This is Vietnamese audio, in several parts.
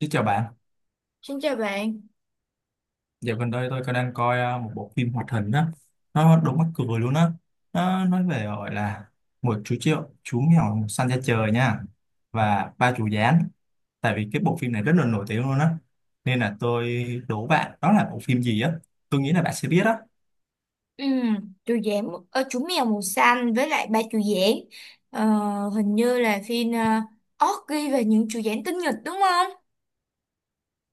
Xin chào bạn, Xin chào bạn. dạo gần đây tôi có đang coi một bộ phim hoạt hình á, nó đúng mắc cười luôn á, nó nói về gọi là một chú triệu chú mèo săn ra trời nha và ba chú gián, tại vì cái bộ phim này rất là nổi tiếng luôn á, nên là tôi đố bạn đó là bộ phim gì á, tôi nghĩ là bạn sẽ biết á, Ừm, chú giảng chú mèo màu xanh với lại ba chú giảng Ờ, hình như là phim Orgy và những chú giảng tinh nghịch đúng không?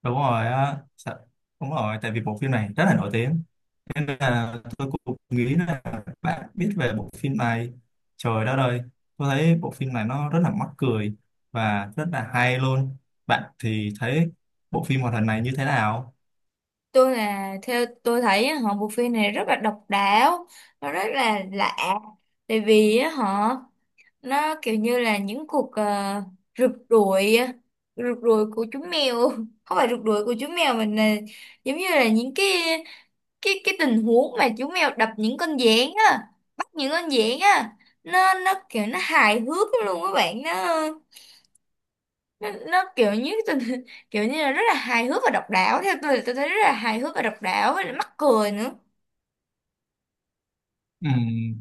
đúng rồi, á. Đúng rồi, tại vì bộ phim này rất là nổi tiếng. Nên là tôi cũng nghĩ là bạn biết về bộ phim này. Trời đất ơi, tôi thấy bộ phim này nó rất là mắc cười và rất là hay luôn. Bạn thì thấy bộ phim hoạt hình này như thế nào? Tôi là theo tôi thấy á, họ bộ phim này rất là độc đáo, nó rất là lạ. Tại vì á, họ nó kiểu như là những cuộc rượt đuổi rượt đuổi của chú mèo, không phải rượt đuổi của chú mèo mà là giống như là những cái cái tình huống mà chú mèo đập những con gián á, bắt những con gián á. Nó kiểu nó hài hước lắm luôn các bạn. Nó kiểu như tình kiểu như là rất là hài hước và độc đáo. Theo tôi là tôi thấy rất là hài hước và độc đáo với lại mắc cười nữa. Ừ,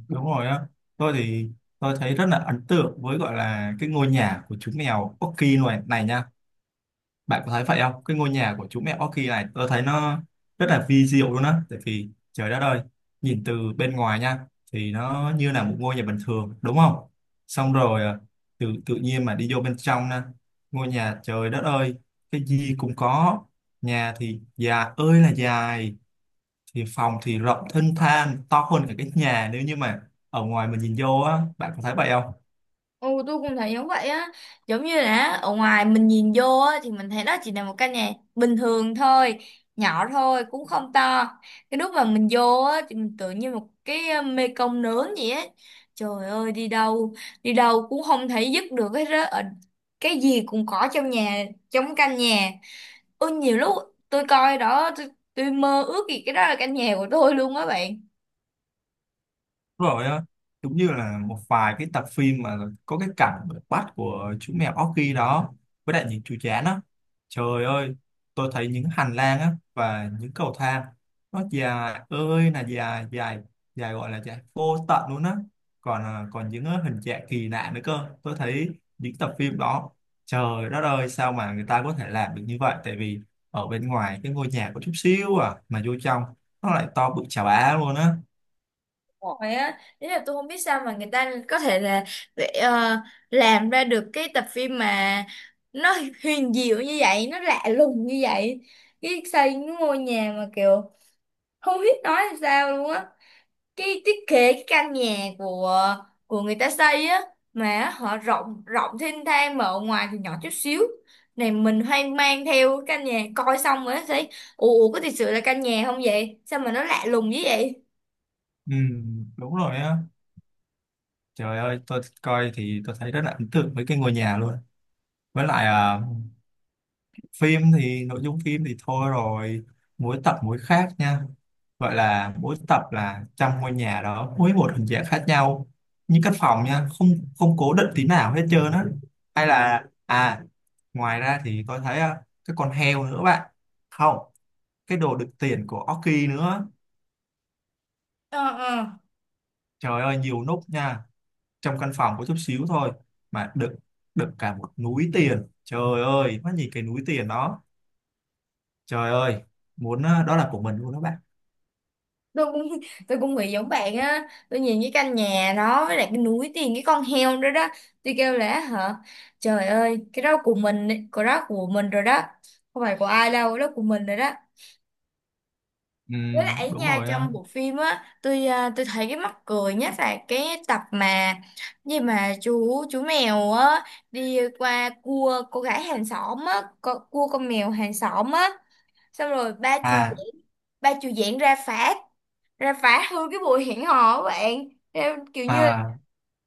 đúng rồi á. Tôi thì tôi thấy rất là ấn tượng với gọi là cái ngôi nhà của chú mèo Oki này này nha. Bạn có thấy vậy không? Cái ngôi nhà của chú mẹ Orchid này tôi thấy nó rất là vi diệu luôn á. Tại vì trời đất ơi, nhìn từ bên ngoài nha thì nó như là một ngôi nhà bình thường đúng không? Xong rồi à, tự tự nhiên mà đi vô bên trong nè, ngôi nhà trời đất ơi, cái gì cũng có. Nhà thì dài ơi là dài, thì phòng thì rộng thênh thang, to hơn cả cái nhà nếu như mà ở ngoài mình nhìn vô á, bạn có thấy vậy không? Ừ, tôi cũng thấy giống vậy á, giống như là ở ngoài mình nhìn vô á thì mình thấy đó chỉ là một căn nhà bình thường thôi, nhỏ thôi cũng không to. Cái lúc mà mình vô á thì mình tưởng như một cái mê công nướng vậy á, trời ơi đi đâu, đi đâu cũng không thấy dứt được hết á. Cái gì cũng có trong nhà, trong căn nhà. Ôi nhiều lúc tôi coi đó, tôi mơ ước gì cái đó là căn nhà của tôi luôn á bạn. Đúng rồi á, giống như là một vài cái tập phim mà có cái cảnh bắt của chú mèo Orky đó với đại những chú chán á, trời ơi, tôi thấy những hành lang á và những cầu thang nó dài ơi là dài dài dài, gọi là dài vô tận luôn á. Còn còn những hình trạng kỳ lạ nữa cơ tôi thấy những tập phim đó. Trời đất ơi, sao mà người ta có thể làm được như vậy, tại vì ở bên ngoài cái ngôi nhà có chút xíu à mà vô trong nó lại to bự chà bá luôn á. Rồi á, ý là tôi không biết sao mà người ta có thể là để làm ra được cái tập phim mà nó huyền diệu như vậy, nó lạ lùng như vậy. Cái xây cái ngôi nhà mà kiểu không biết nói làm sao luôn á. Cái thiết kế cái căn nhà của người ta xây á mà họ rộng, rộng thênh thang mà ở ngoài thì nhỏ chút xíu. Này mình hoang mang theo cái căn nhà coi xong rồi thấy ủa ủa, có thật sự là căn nhà không vậy? Sao mà nó lạ lùng như vậy? Ừ, đúng rồi á. Trời ơi, tôi coi thì tôi thấy rất là ấn tượng với cái ngôi nhà luôn. Với lại à, phim thì nội dung phim thì thôi rồi, mỗi tập mỗi khác nha. Gọi là mỗi tập là trong ngôi nhà đó, mỗi một hình dạng khác nhau. Như căn phòng nha, không không cố định tí nào hết trơn á. Hay là à, ngoài ra thì tôi thấy à, cái con heo nữa bạn. Không, cái đồ đựng tiền của oki nữa. Ờ, ờ, Trời ơi, nhiều nút nha. Trong căn phòng có chút xíu thôi mà đựng đựng cả một núi tiền, trời ơi mắt nhìn cái núi tiền đó, trời ơi muốn đó là của mình luôn đó bạn. tôi cũng tôi cũng nghĩ giống bạn á. Tôi nhìn cái căn nhà đó với lại cái núi tiền, cái con heo đó đó, tôi kêu là hả, trời ơi cái đó của mình ấy, cái đó của mình rồi đó, không phải của ai đâu, cái đó của mình rồi đó. Ừ, Với lại ấy đúng nha, rồi ờ. trong bộ phim á tôi thấy cái mắc cười nhất là cái tập mà gì mà chú mèo á đi qua cua cô gái hàng xóm á, cua con mèo hàng xóm á, xong rồi ba chú, À ba chú diễn ra phá, ra phá hư cái buổi hẹn hò của bạn ra, kiểu như à.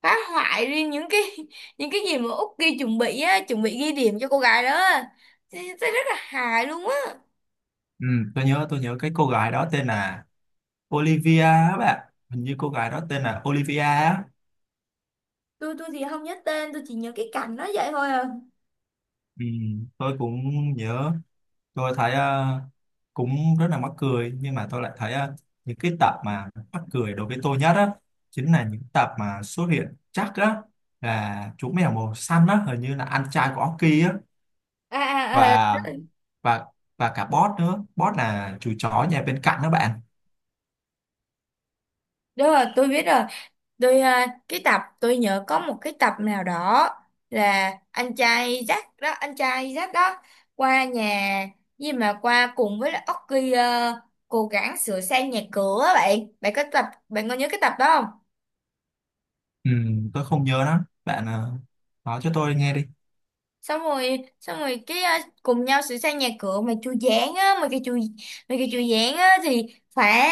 phá hoại riêng những cái những cái gì mà Út ghi chuẩn bị á, chuẩn bị ghi điểm cho cô gái đó á. Thì rất là hài luôn á. Ừ, tôi nhớ cái cô gái đó tên là Olivia á bạn, hình như cô gái đó tên là Olivia á. Tôi thì không nhớ tên, tôi chỉ nhớ cái cảnh nó vậy thôi à. Ừ, tôi cũng nhớ. Tôi thấy cũng rất là mắc cười, nhưng mà tôi lại thấy những cái tập mà mắc cười đối với tôi nhất á chính là những tập mà xuất hiện chắc á là chú mèo màu xanh á, hình như là anh trai của Orky á. À, à, à. Và và và cả boss nữa, boss là chú chó nhà bên cạnh đó bạn. Đúng rồi tôi biết rồi. Tôi cái tập tôi nhớ có một cái tập nào đó là anh trai Jack đó, anh trai Jack đó qua nhà gì mà qua cùng với lại Oki cố gắng sửa sang nhà cửa á bạn. Bạn có tập bạn có nhớ cái tập đó không? Ừ, tôi không nhớ lắm bạn, nói cho tôi nghe đi. Xong rồi cái cùng nhau sửa sang nhà cửa mà chu giảng á, mà cái chu giảng á thì phá,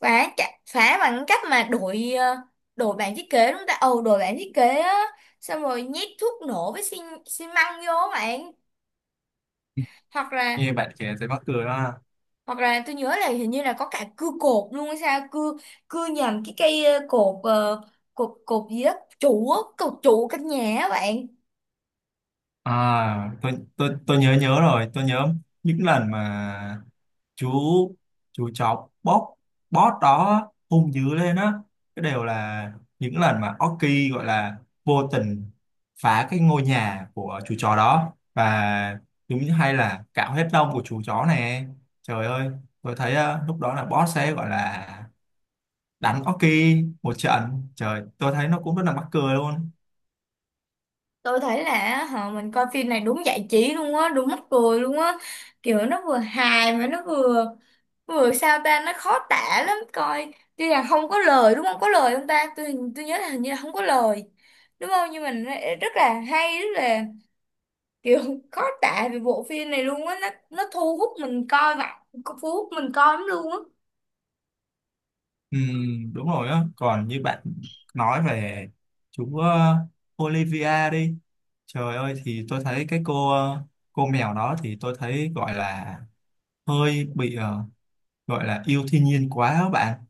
phá bằng cách mà đổi đổi bảng thiết kế đúng không ta, ồ đổi bảng thiết kế á, xong rồi nhét thuốc nổ với xi măng vô á bạn. Hoặc là, Nghe bạn kể thấy mắc cười đó. hoặc là tôi nhớ là hình như là có cả cưa cột luôn hay sao, cưa, cưa nhầm cái cây cột cột cột gì đó, trụ á, cột trụ căn nhà á bạn. À, tôi tôi nhớ nhớ rồi. Tôi nhớ những lần mà chú chú chó bót bót đó hung dữ lên á, cái đều là những lần mà Oki gọi là vô tình phá cái ngôi nhà của chú chó đó và giống như hay là cạo hết lông của chú chó này. Trời ơi, tôi thấy lúc đó là boss sẽ gọi là đánh Oki một trận, trời tôi thấy nó cũng rất là mắc cười luôn. Tôi thấy là họ mình coi phim này đúng giải trí luôn á, đúng mắc cười luôn á, kiểu nó vừa hài mà nó vừa, vừa sao ta, nó khó tả lắm. Coi tuy là không có lời, đúng không có lời không ta, tôi nhớ là hình như là không có lời đúng không, nhưng mình rất là hay, rất là kiểu khó tả về bộ phim này luôn á. Nó thu hút mình coi mà, thu hút mình coi lắm luôn á. Ừ, đúng rồi á, còn như bạn nói về chú Olivia đi. Trời ơi thì tôi thấy cái cô cô mèo đó thì tôi thấy gọi là hơi bị gọi là yêu thiên nhiên quá á bạn,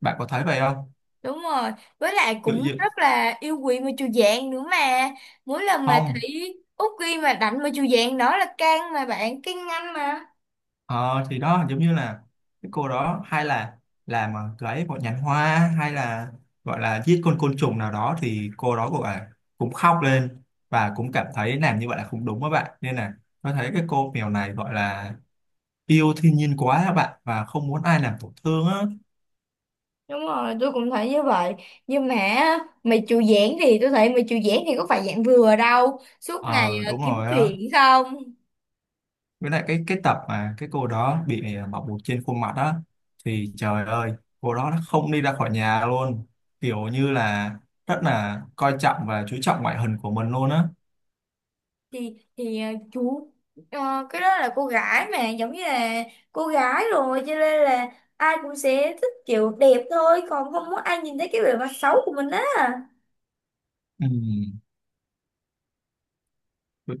bạn có thấy vậy không? Đúng rồi, với lại Tự cũng nhiên rất là yêu quý mà chù dạng nữa mà. Mỗi lần mà không. thấy Út ghi mà đánh mà chù dạng đó là can mà bạn, can nhanh mà. Ờ thì đó giống như là cái cô đó hay là làm lấy một nhánh hoa hay là gọi là giết con côn trùng nào đó thì cô đó cũng là cũng khóc lên và cũng cảm thấy làm như vậy là không đúng các bạn, nên là tôi thấy cái cô mèo này gọi là yêu thiên nhiên quá các bạn và không muốn ai làm tổn thương á. Đúng rồi, tôi cũng thấy như vậy. Nhưng mà á, mày chù dạng thì tôi thấy mày chù dạng thì có phải dạng vừa đâu. Suốt ngày Ờ đúng kiếm rồi á, chuyện không? với lại cái tập mà cái cô đó bị à, bọc bột trên khuôn mặt á thì trời ơi cô đó không đi ra khỏi nhà luôn, kiểu như là rất là coi trọng và chú trọng ngoại hình của mình luôn á. Thì chú, cái đó là cô gái mà giống như là cô gái rồi, cho nên là ai cũng sẽ thích kiểu đẹp thôi, còn không muốn ai nhìn thấy cái bề mặt xấu của mình á. Ừ. tôi,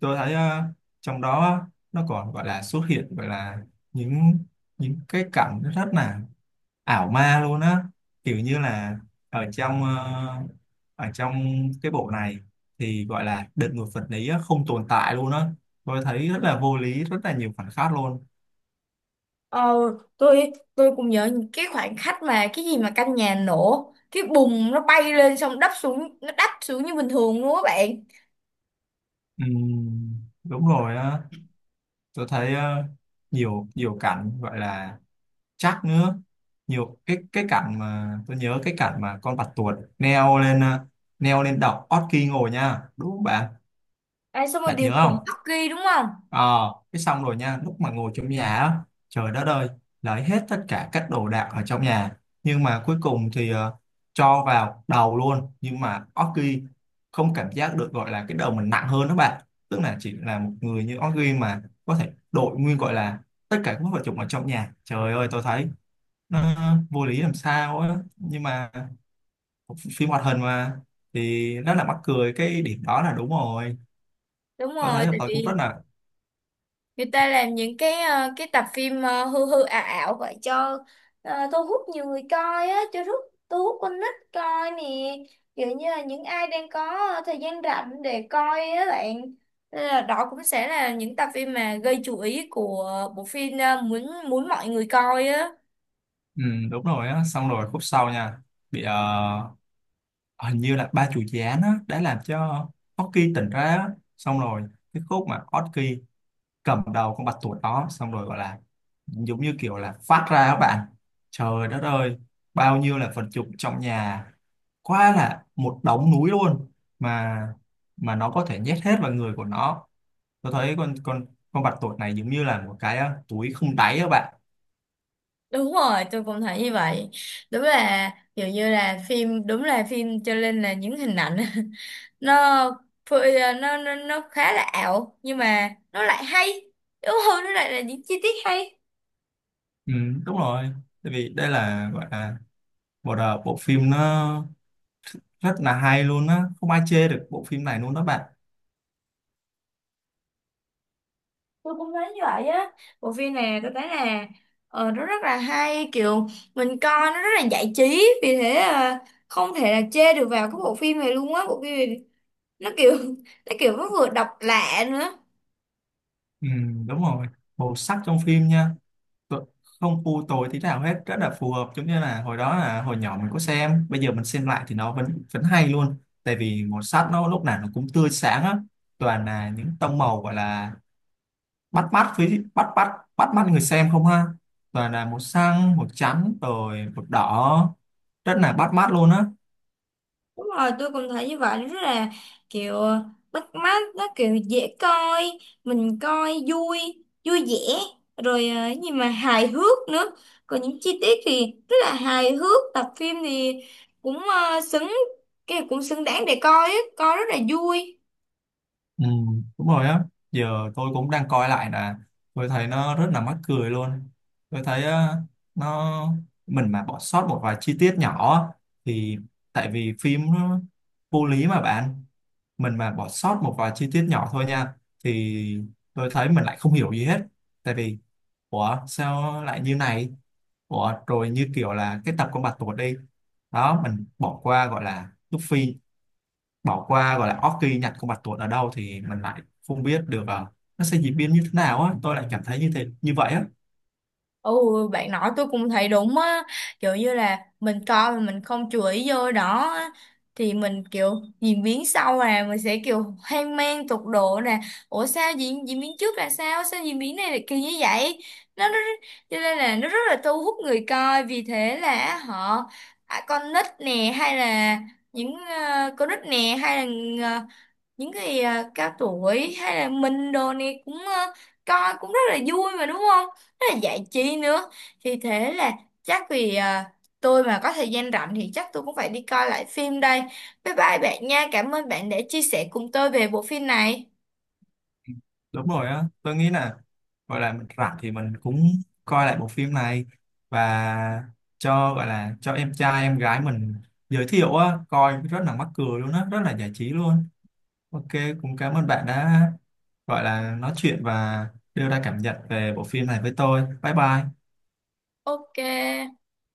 tôi thấy à, trong đó nó còn gọi là xuất hiện gọi là những những cái cảnh rất là ảo ma luôn á, kiểu như là ở trong ở trong cái bộ này thì gọi là đợt ngược vật lý á, không tồn tại luôn á. Tôi thấy rất là vô lý, rất là nhiều phản khác luôn. Ờ, tôi cũng nhớ những cái khoảnh khắc mà cái gì mà căn nhà nổ cái bùng, nó bay lên xong đắp xuống, nó đắp xuống như bình thường luôn các bạn. Đúng rồi á, tôi thấy nhiều nhiều cảnh gọi là chắc nữa, nhiều cái cảnh mà tôi nhớ cái cảnh mà con bạch tuộc leo lên leo lên đọc Orki ngồi nha đúng không bạn, À, xong rồi bạn điều nhớ khiển không? tắc ghi đúng không. Ờ, cái xong rồi nha, lúc mà ngồi trong nhà á, trời đất ơi, lấy hết tất cả các đồ đạc ở trong nhà. Nhưng mà cuối cùng thì cho vào đầu luôn. Nhưng mà Orki không cảm giác được gọi là cái đầu mình nặng hơn đó bạn. Tức là chỉ là một người như Orki mà có thể đội nguyên gọi là tất cả các vật dụng ở trong nhà. Trời ơi, tôi thấy nó vô lý làm sao á. Nhưng mà phim hoạt hình mà thì rất là mắc cười cái điểm đó là đúng rồi. Đúng Tôi rồi thấy là tại tôi cũng rất vì là. người ta làm những cái cái tập phim hư hư ảo ảo vậy cho thu hút nhiều người coi á, cho thu hút con nít coi nè, kiểu như là những ai đang có thời gian rảnh để coi á bạn. Nên là đó cũng sẽ là những tập phim mà gây chú ý của bộ phim muốn muốn mọi người coi á. Ừ, đúng rồi á, xong rồi khúc sau nha, bị hình như là ba chủ gián á đã làm cho Oki tỉnh ra á, xong rồi cái khúc mà Oki cầm đầu con bạch tuộc đó xong rồi gọi là giống như kiểu là phát ra các bạn, trời đất ơi bao nhiêu là vật dụng trong nhà, quá là một đống núi luôn, mà mà nó có thể nhét hết vào người của nó. Tôi thấy con con bạch tuộc này giống như là một cái túi không đáy các bạn. Đúng rồi tôi cũng thấy như vậy. Đúng là kiểu như là phim, đúng là phim cho nên là những hình ảnh nó nó khá là ảo nhưng mà nó lại hay đúng không, nó lại là những chi tiết hay. Ừ, đúng rồi, tại vì đây là gọi là à, bộ phim nó rất là hay luôn á, không ai chê được bộ phim này luôn đó bạn. Tôi cũng thấy như vậy á, bộ phim này tôi thấy là nó rất là hay, kiểu mình coi nó rất là giải trí, vì thế không thể là chê được vào cái bộ phim này luôn á. Bộ phim này nó kiểu nó kiểu nó vừa độc lạ nữa. Ừ, đúng rồi, màu sắc trong phim nha, tu- không u tối tí nào hết, rất là phù hợp, giống như là hồi đó là hồi nhỏ mình có xem, bây giờ mình xem lại thì nó vẫn vẫn hay luôn, tại vì màu sắc nó lúc nào nó cũng tươi sáng á, toàn là những tông màu gọi là bắt mắt với bắt bắt bắt mắt người xem không ha, toàn là màu xanh màu trắng rồi màu đỏ, rất là bắt mắt luôn á. Đúng rồi, tôi cũng thấy như vậy, nó rất là kiểu bắt mắt, nó kiểu dễ coi, mình coi vui, vui vẻ, rồi cái gì mà hài hước nữa. Còn những chi tiết thì rất là hài hước, tập phim thì cũng cái cũng xứng đáng để coi á, coi rất là vui. Ừ, đúng rồi á, giờ tôi cũng đang coi lại là tôi thấy nó rất là mắc cười luôn. Tôi thấy nó mình mà bỏ sót một vài chi tiết nhỏ á, thì tại vì phim nó vô lý mà bạn, mình mà bỏ sót một vài chi tiết nhỏ thôi nha thì tôi thấy mình lại không hiểu gì hết, tại vì ủa sao lại như này, ủa rồi như kiểu là cái tập con bạch tuộc đi, đó mình bỏ qua gọi là Luffy, bỏ qua gọi là Orki nhặt con bạch tuộc ở đâu thì mình lại không biết được nó sẽ diễn biến như thế nào á, tôi lại cảm thấy như thế như vậy á. Ồ, bạn nói tôi cũng thấy đúng á, kiểu như là mình coi mà mình không chú ý vô đó á, thì mình kiểu diễn biến sau là mình sẽ kiểu hoang mang tột độ nè, ủa sao diễn diễn biến trước là sao, sao diễn biến này là kỳ như vậy, nó cho nên là nó rất là thu hút người coi, vì thế là họ à, con nít nè hay là những con nít nè hay là những cái à, cao tuổi hay là mình đồ này cũng coi cũng rất là vui mà đúng không, rất là giải trí nữa. Thì thế là chắc vì à, tôi mà có thời gian rảnh thì chắc tôi cũng phải đi coi lại phim đây. Bye bye bạn nha, cảm ơn bạn đã chia sẻ cùng tôi về bộ phim này. Đúng rồi á, tôi nghĩ là gọi là mình rảnh thì mình cũng coi lại bộ phim này và cho gọi là cho em trai em gái mình giới thiệu á, coi rất là mắc cười luôn á, rất là giải trí luôn. Ok, cũng cảm ơn bạn đã gọi là nói chuyện và đưa ra cảm nhận về bộ phim này với tôi. Bye bye. Ok.